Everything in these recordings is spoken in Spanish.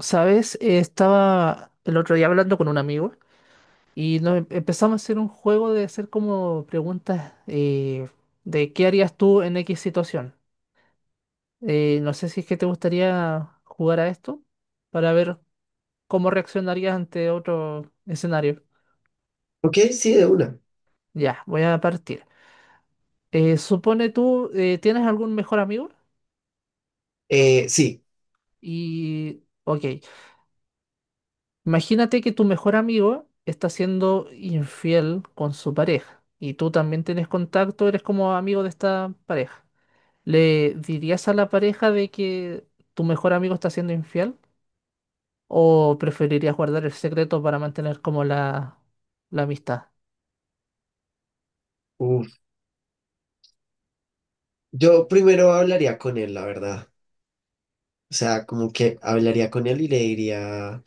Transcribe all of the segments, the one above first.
¿Sabes? Estaba el otro día hablando con un amigo y nos empezamos a hacer un juego de hacer como preguntas de qué harías tú en X situación. No sé si es que te gustaría jugar a esto para ver cómo reaccionarías ante otro escenario. Ok, sí, de una. Ya, voy a partir. Supone tú, ¿tienes algún mejor amigo? Eh, sí, Y, ok. Imagínate que tu mejor amigo está siendo infiel con su pareja y tú también tienes contacto, eres como amigo de esta pareja. ¿Le dirías a la pareja de que tu mejor amigo está siendo infiel o preferirías guardar el secreto para mantener como la amistad? uf, yo primero hablaría con él, la verdad. O sea, como que hablaría con él y le diría,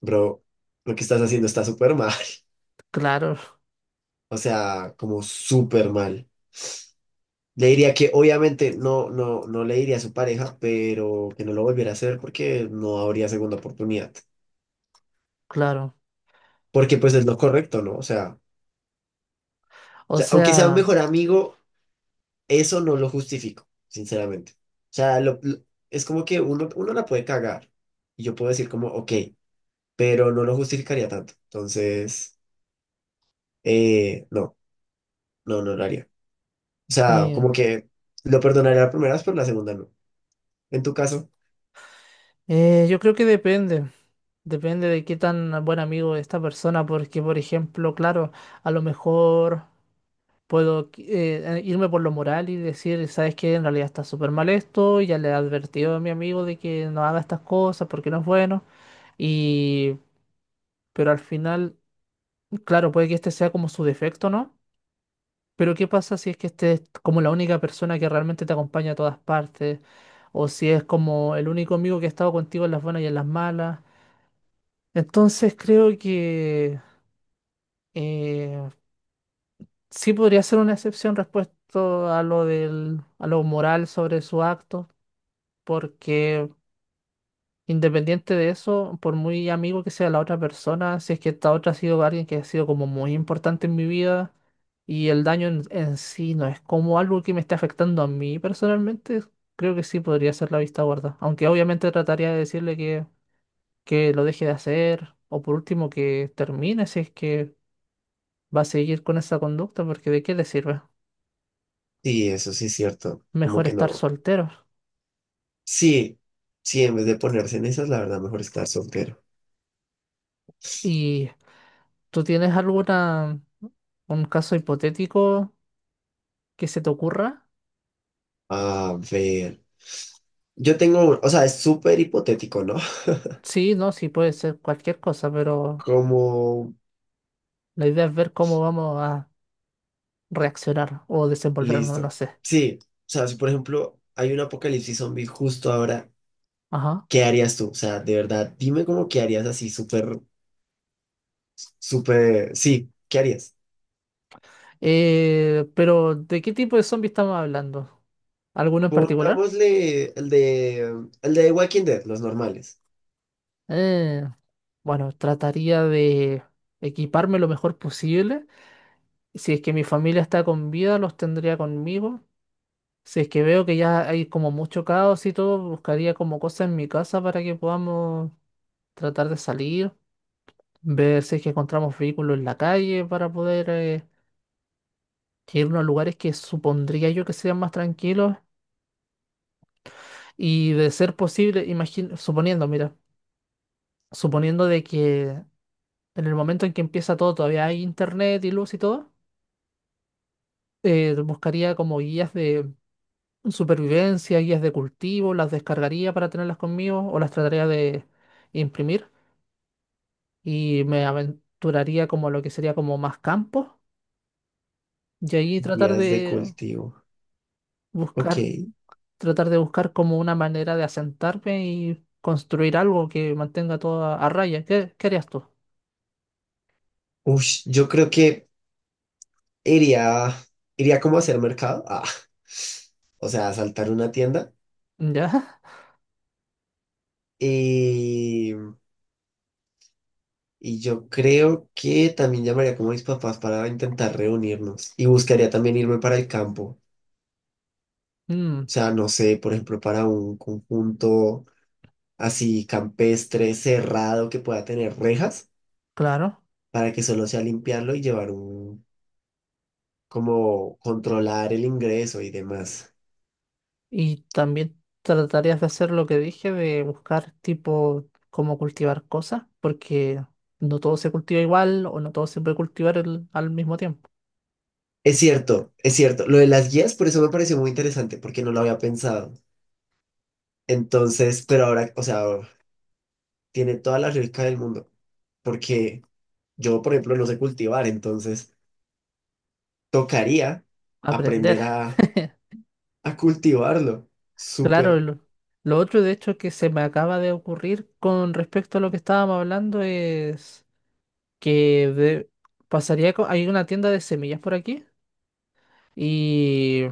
bro, lo que estás haciendo está súper mal. Claro, O sea, como súper mal. Le diría que obviamente no, no, no le diría a su pareja, pero que no lo volviera a hacer porque no habría segunda oportunidad. claro. Porque pues es lo correcto, ¿no? O sea, O aunque sea un sea, mejor amigo. Eso no lo justifico, sinceramente. O sea, es como que uno la puede cagar. Y yo puedo decir como, ok, pero no lo justificaría tanto. Entonces, no, no lo haría. O sea, eh, como que lo perdonaría la primera vez, pero la segunda no. En tu caso, yo creo que depende. Depende de qué tan buen amigo es esta persona, porque por ejemplo, claro, a lo mejor... Puedo irme por lo moral y decir, ¿sabes qué? En realidad está súper mal esto, ya le he advertido a mi amigo de que no haga estas cosas porque no es bueno. Y, pero al final, claro, puede que este sea como su defecto, ¿no? Pero ¿qué pasa si es que este es como la única persona que realmente te acompaña a todas partes? O si es como el único amigo que ha estado contigo en las buenas y en las malas. Entonces creo que eh, sí podría ser una excepción respecto a lo del, a lo moral sobre su acto porque independiente de eso, por muy amigo que sea la otra persona, si es que esta otra ha sido alguien que ha sido como muy importante en mi vida y el daño en sí no es como algo que me esté afectando a mí personalmente, creo que sí podría ser la vista gorda, aunque obviamente trataría de decirle que lo deje de hacer o por último que termine si es que va a seguir con esa conducta, porque ¿de qué le sirve? sí, eso sí es cierto. Como Mejor que estar no. soltero. Sí, sí, en vez de ponerse en esas, la verdad, mejor estar soltero. ¿Y tú tienes alguna, un caso hipotético? Que se te ocurra. A ver, yo tengo, o sea, es súper hipotético, ¿no? Sí, no, sí puede ser cualquier cosa, pero Como la idea es ver cómo vamos a reaccionar o desenvolvernos, no Listo. sé. Sí, o sea, si por ejemplo hay un apocalipsis zombie justo ahora, Ajá. ¿qué harías tú? O sea, de verdad, dime cómo qué harías así, súper, súper, sí, ¿qué harías? Pero, ¿de qué tipo de zombie estamos hablando? ¿Alguno en particular? Pongámosle el de Walking Dead, los normales. Eh, bueno, trataría de equiparme lo mejor posible. Si es que mi familia está con vida, los tendría conmigo. Si es que veo que ya hay como mucho caos y todo, buscaría como cosas en mi casa para que podamos tratar de salir. Ver si es que encontramos vehículos en la calle para poder irnos a lugares que supondría yo que sean más tranquilos y de ser posible, imagino, suponiendo, mira, suponiendo de que en el momento en que empieza todo, todavía hay internet y luz y todo, buscaría como guías de supervivencia, guías de cultivo, las descargaría para tenerlas conmigo o las trataría de imprimir y me aventuraría como a lo que sería como más campo y ahí Días de cultivo. Ok. buscar tratar de buscar como una manera de asentarme y construir algo que mantenga todo a raya. ¿Qué, qué harías tú? Ush, yo creo que iría, iría como a hacer mercado. Ah. O sea, a saltar una tienda. ¿Ya? Y yo creo que también llamaría como a mis papás para intentar reunirnos y buscaría también irme para el campo. O Mm, sea, no sé, por ejemplo, para un conjunto así campestre, cerrado, que pueda tener rejas, claro. para que solo sea limpiarlo y llevar un, como controlar el ingreso y demás. Y también tratarías de hacer lo que dije, de buscar tipo cómo cultivar cosas, porque no todo se cultiva igual o no todo se puede cultivar al mismo tiempo. Es cierto, es cierto. Lo de las guías, por eso me pareció muy interesante, porque no lo había pensado. Entonces, pero ahora, o sea, tiene toda la lógica del mundo, porque yo, por ejemplo, no sé cultivar, entonces tocaría Aprender. aprender a cultivarlo. Claro, Súper. Lo otro de hecho que se me acaba de ocurrir con respecto a lo que estábamos hablando es que pasaría, hay una tienda de semillas por aquí y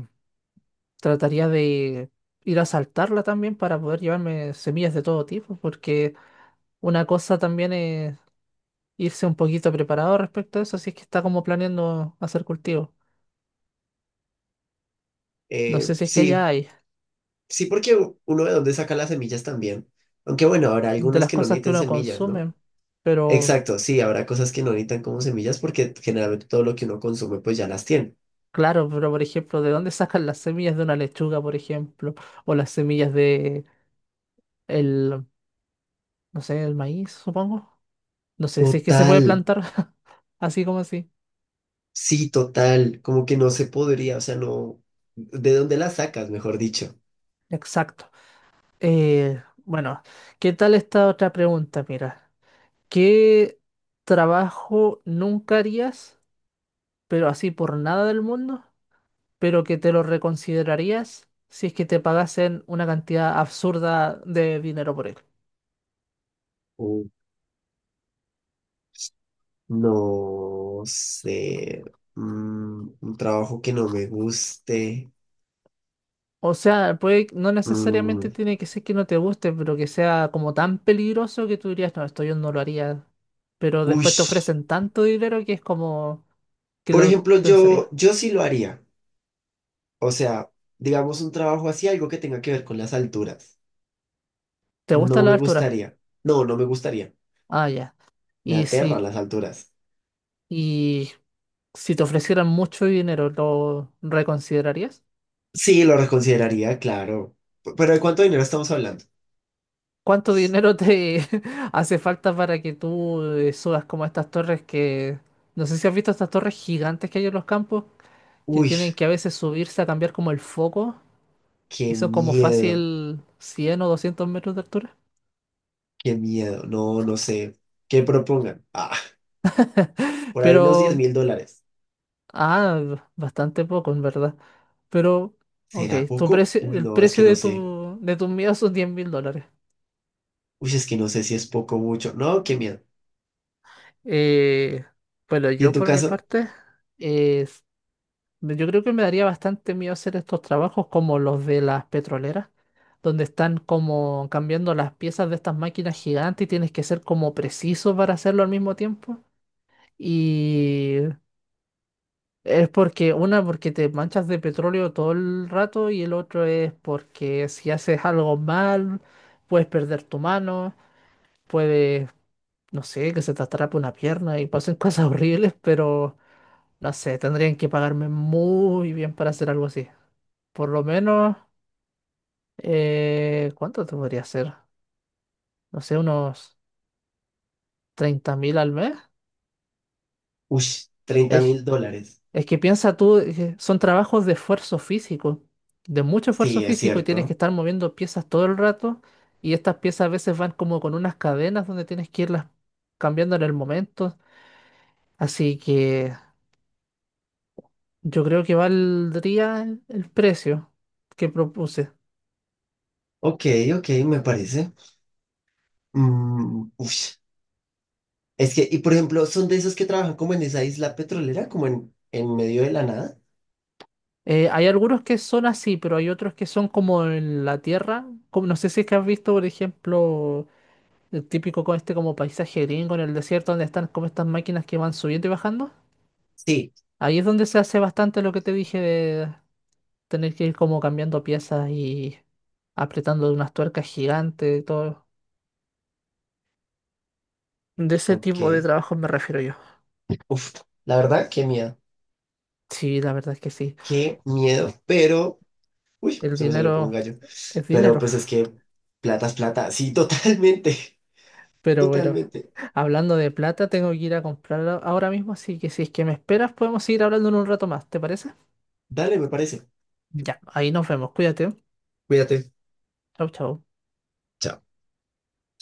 trataría de ir a saltarla también para poder llevarme semillas de todo tipo, porque una cosa también es irse un poquito preparado respecto a eso, si es que está como planeando hacer cultivo. No sé si es que allá Sí, hay sí, porque uno de dónde saca las semillas también. Aunque bueno, habrá de algunas las que no cosas que necesitan uno semillas, ¿no? consume, pero Exacto, sí, habrá cosas que no necesitan como semillas porque generalmente todo lo que uno consume pues ya las tiene. claro, pero por ejemplo, ¿de dónde sacan las semillas de una lechuga, por ejemplo? O las semillas de el, no sé, el maíz, supongo. No sé si es que se puede Total, plantar así como así. sí, total, como que no se podría, o sea, no, ¿de dónde las sacas, mejor dicho? Exacto. Bueno, ¿qué tal esta otra pregunta? Mira, ¿qué trabajo nunca harías, pero así por nada del mundo, pero que te lo reconsiderarías si es que te pagasen una cantidad absurda de dinero por él? No sé, mm, un trabajo que no me guste. O sea, puede, no necesariamente Mm, tiene que ser que no te guste, pero que sea como tan peligroso que tú dirías, no, esto yo no lo haría. Pero después te ush. ofrecen tanto dinero que es como... ¿Qué Por lo ejemplo, pensarías? yo sí lo haría. O sea, digamos un trabajo así, algo que tenga que ver con las alturas. ¿Te gusta No la me altura? gustaría. No, no me gustaría. Ah, ya. Me Y aterran si, las alturas. y si te ofrecieran mucho dinero, ¿lo reconsiderarías? Sí, lo reconsideraría, claro. Pero ¿de cuánto dinero estamos hablando? ¿Cuánto dinero te hace falta para que tú subas como estas torres que... No sé si has visto estas torres gigantes que hay en los campos, que Uy, tienen que a veces subirse a cambiar como el foco y qué son como miedo, fácil 100 o 200 metros de altura. qué miedo. No, no sé. ¿Qué propongan? Ah, por ahí unos diez Pero, mil dólares. ah, bastante poco, en verdad. Pero, ok, ¿Será tu poco? precio, Uy, el no, es que precio no de sé. tu, de tus miedos son $10.000. Uy, es que no sé si es poco o mucho. No, qué miedo. Eh, bueno, ¿Y en yo tu por mi caso? parte, eh, yo creo que me daría bastante miedo hacer estos trabajos como los de las petroleras, donde están como cambiando las piezas de estas máquinas gigantes y tienes que ser como preciso para hacerlo al mismo tiempo. Y es porque, una, porque te manchas de petróleo todo el rato y el otro es porque si haces algo mal, puedes perder tu mano. Puede, no sé, que se te atrape una pierna y pasen cosas horribles, pero no sé, tendrían que pagarme muy bien para hacer algo así. Por lo menos, ¿cuánto te podría hacer? No sé, unos 30.000 al mes. Uy, treinta Es, mil dólares. es que piensa tú, son trabajos de esfuerzo físico, de mucho esfuerzo Sí, es físico y tienes que cierto. estar moviendo piezas todo el rato y estas piezas a veces van como con unas cadenas donde tienes que irlas cambiando en el momento. Así que yo creo que valdría el precio que propuse. Ok, ok, me parece. Mm, uy, es que, y por ejemplo, ¿son de esos que trabajan como en esa isla petrolera, como en medio de la nada? Hay algunos que son así, pero hay otros que son como en la tierra. Como, no sé si es que has visto, por ejemplo, el típico con este como paisaje gringo en el desierto donde están como estas máquinas que van subiendo y bajando. Sí, Ahí es donde se hace bastante lo que te dije de tener que ir como cambiando piezas y apretando unas tuercas gigantes y todo. De ese tipo de ok. trabajo me refiero yo. Uf, la verdad, qué miedo. Sí, la verdad es que sí. Qué miedo, pero Uy, El se me salió como un dinero gallo. es Pero dinero. pues es que plata es plata. Sí, totalmente. Pero bueno. Totalmente. Hablando de plata, tengo que ir a comprar ahora mismo, así que si es que me esperas, podemos seguir hablando en un rato más, ¿te parece? Dale, me parece. Ya, ahí nos vemos, cuídate. Cuídate. Chau, chau. Chao.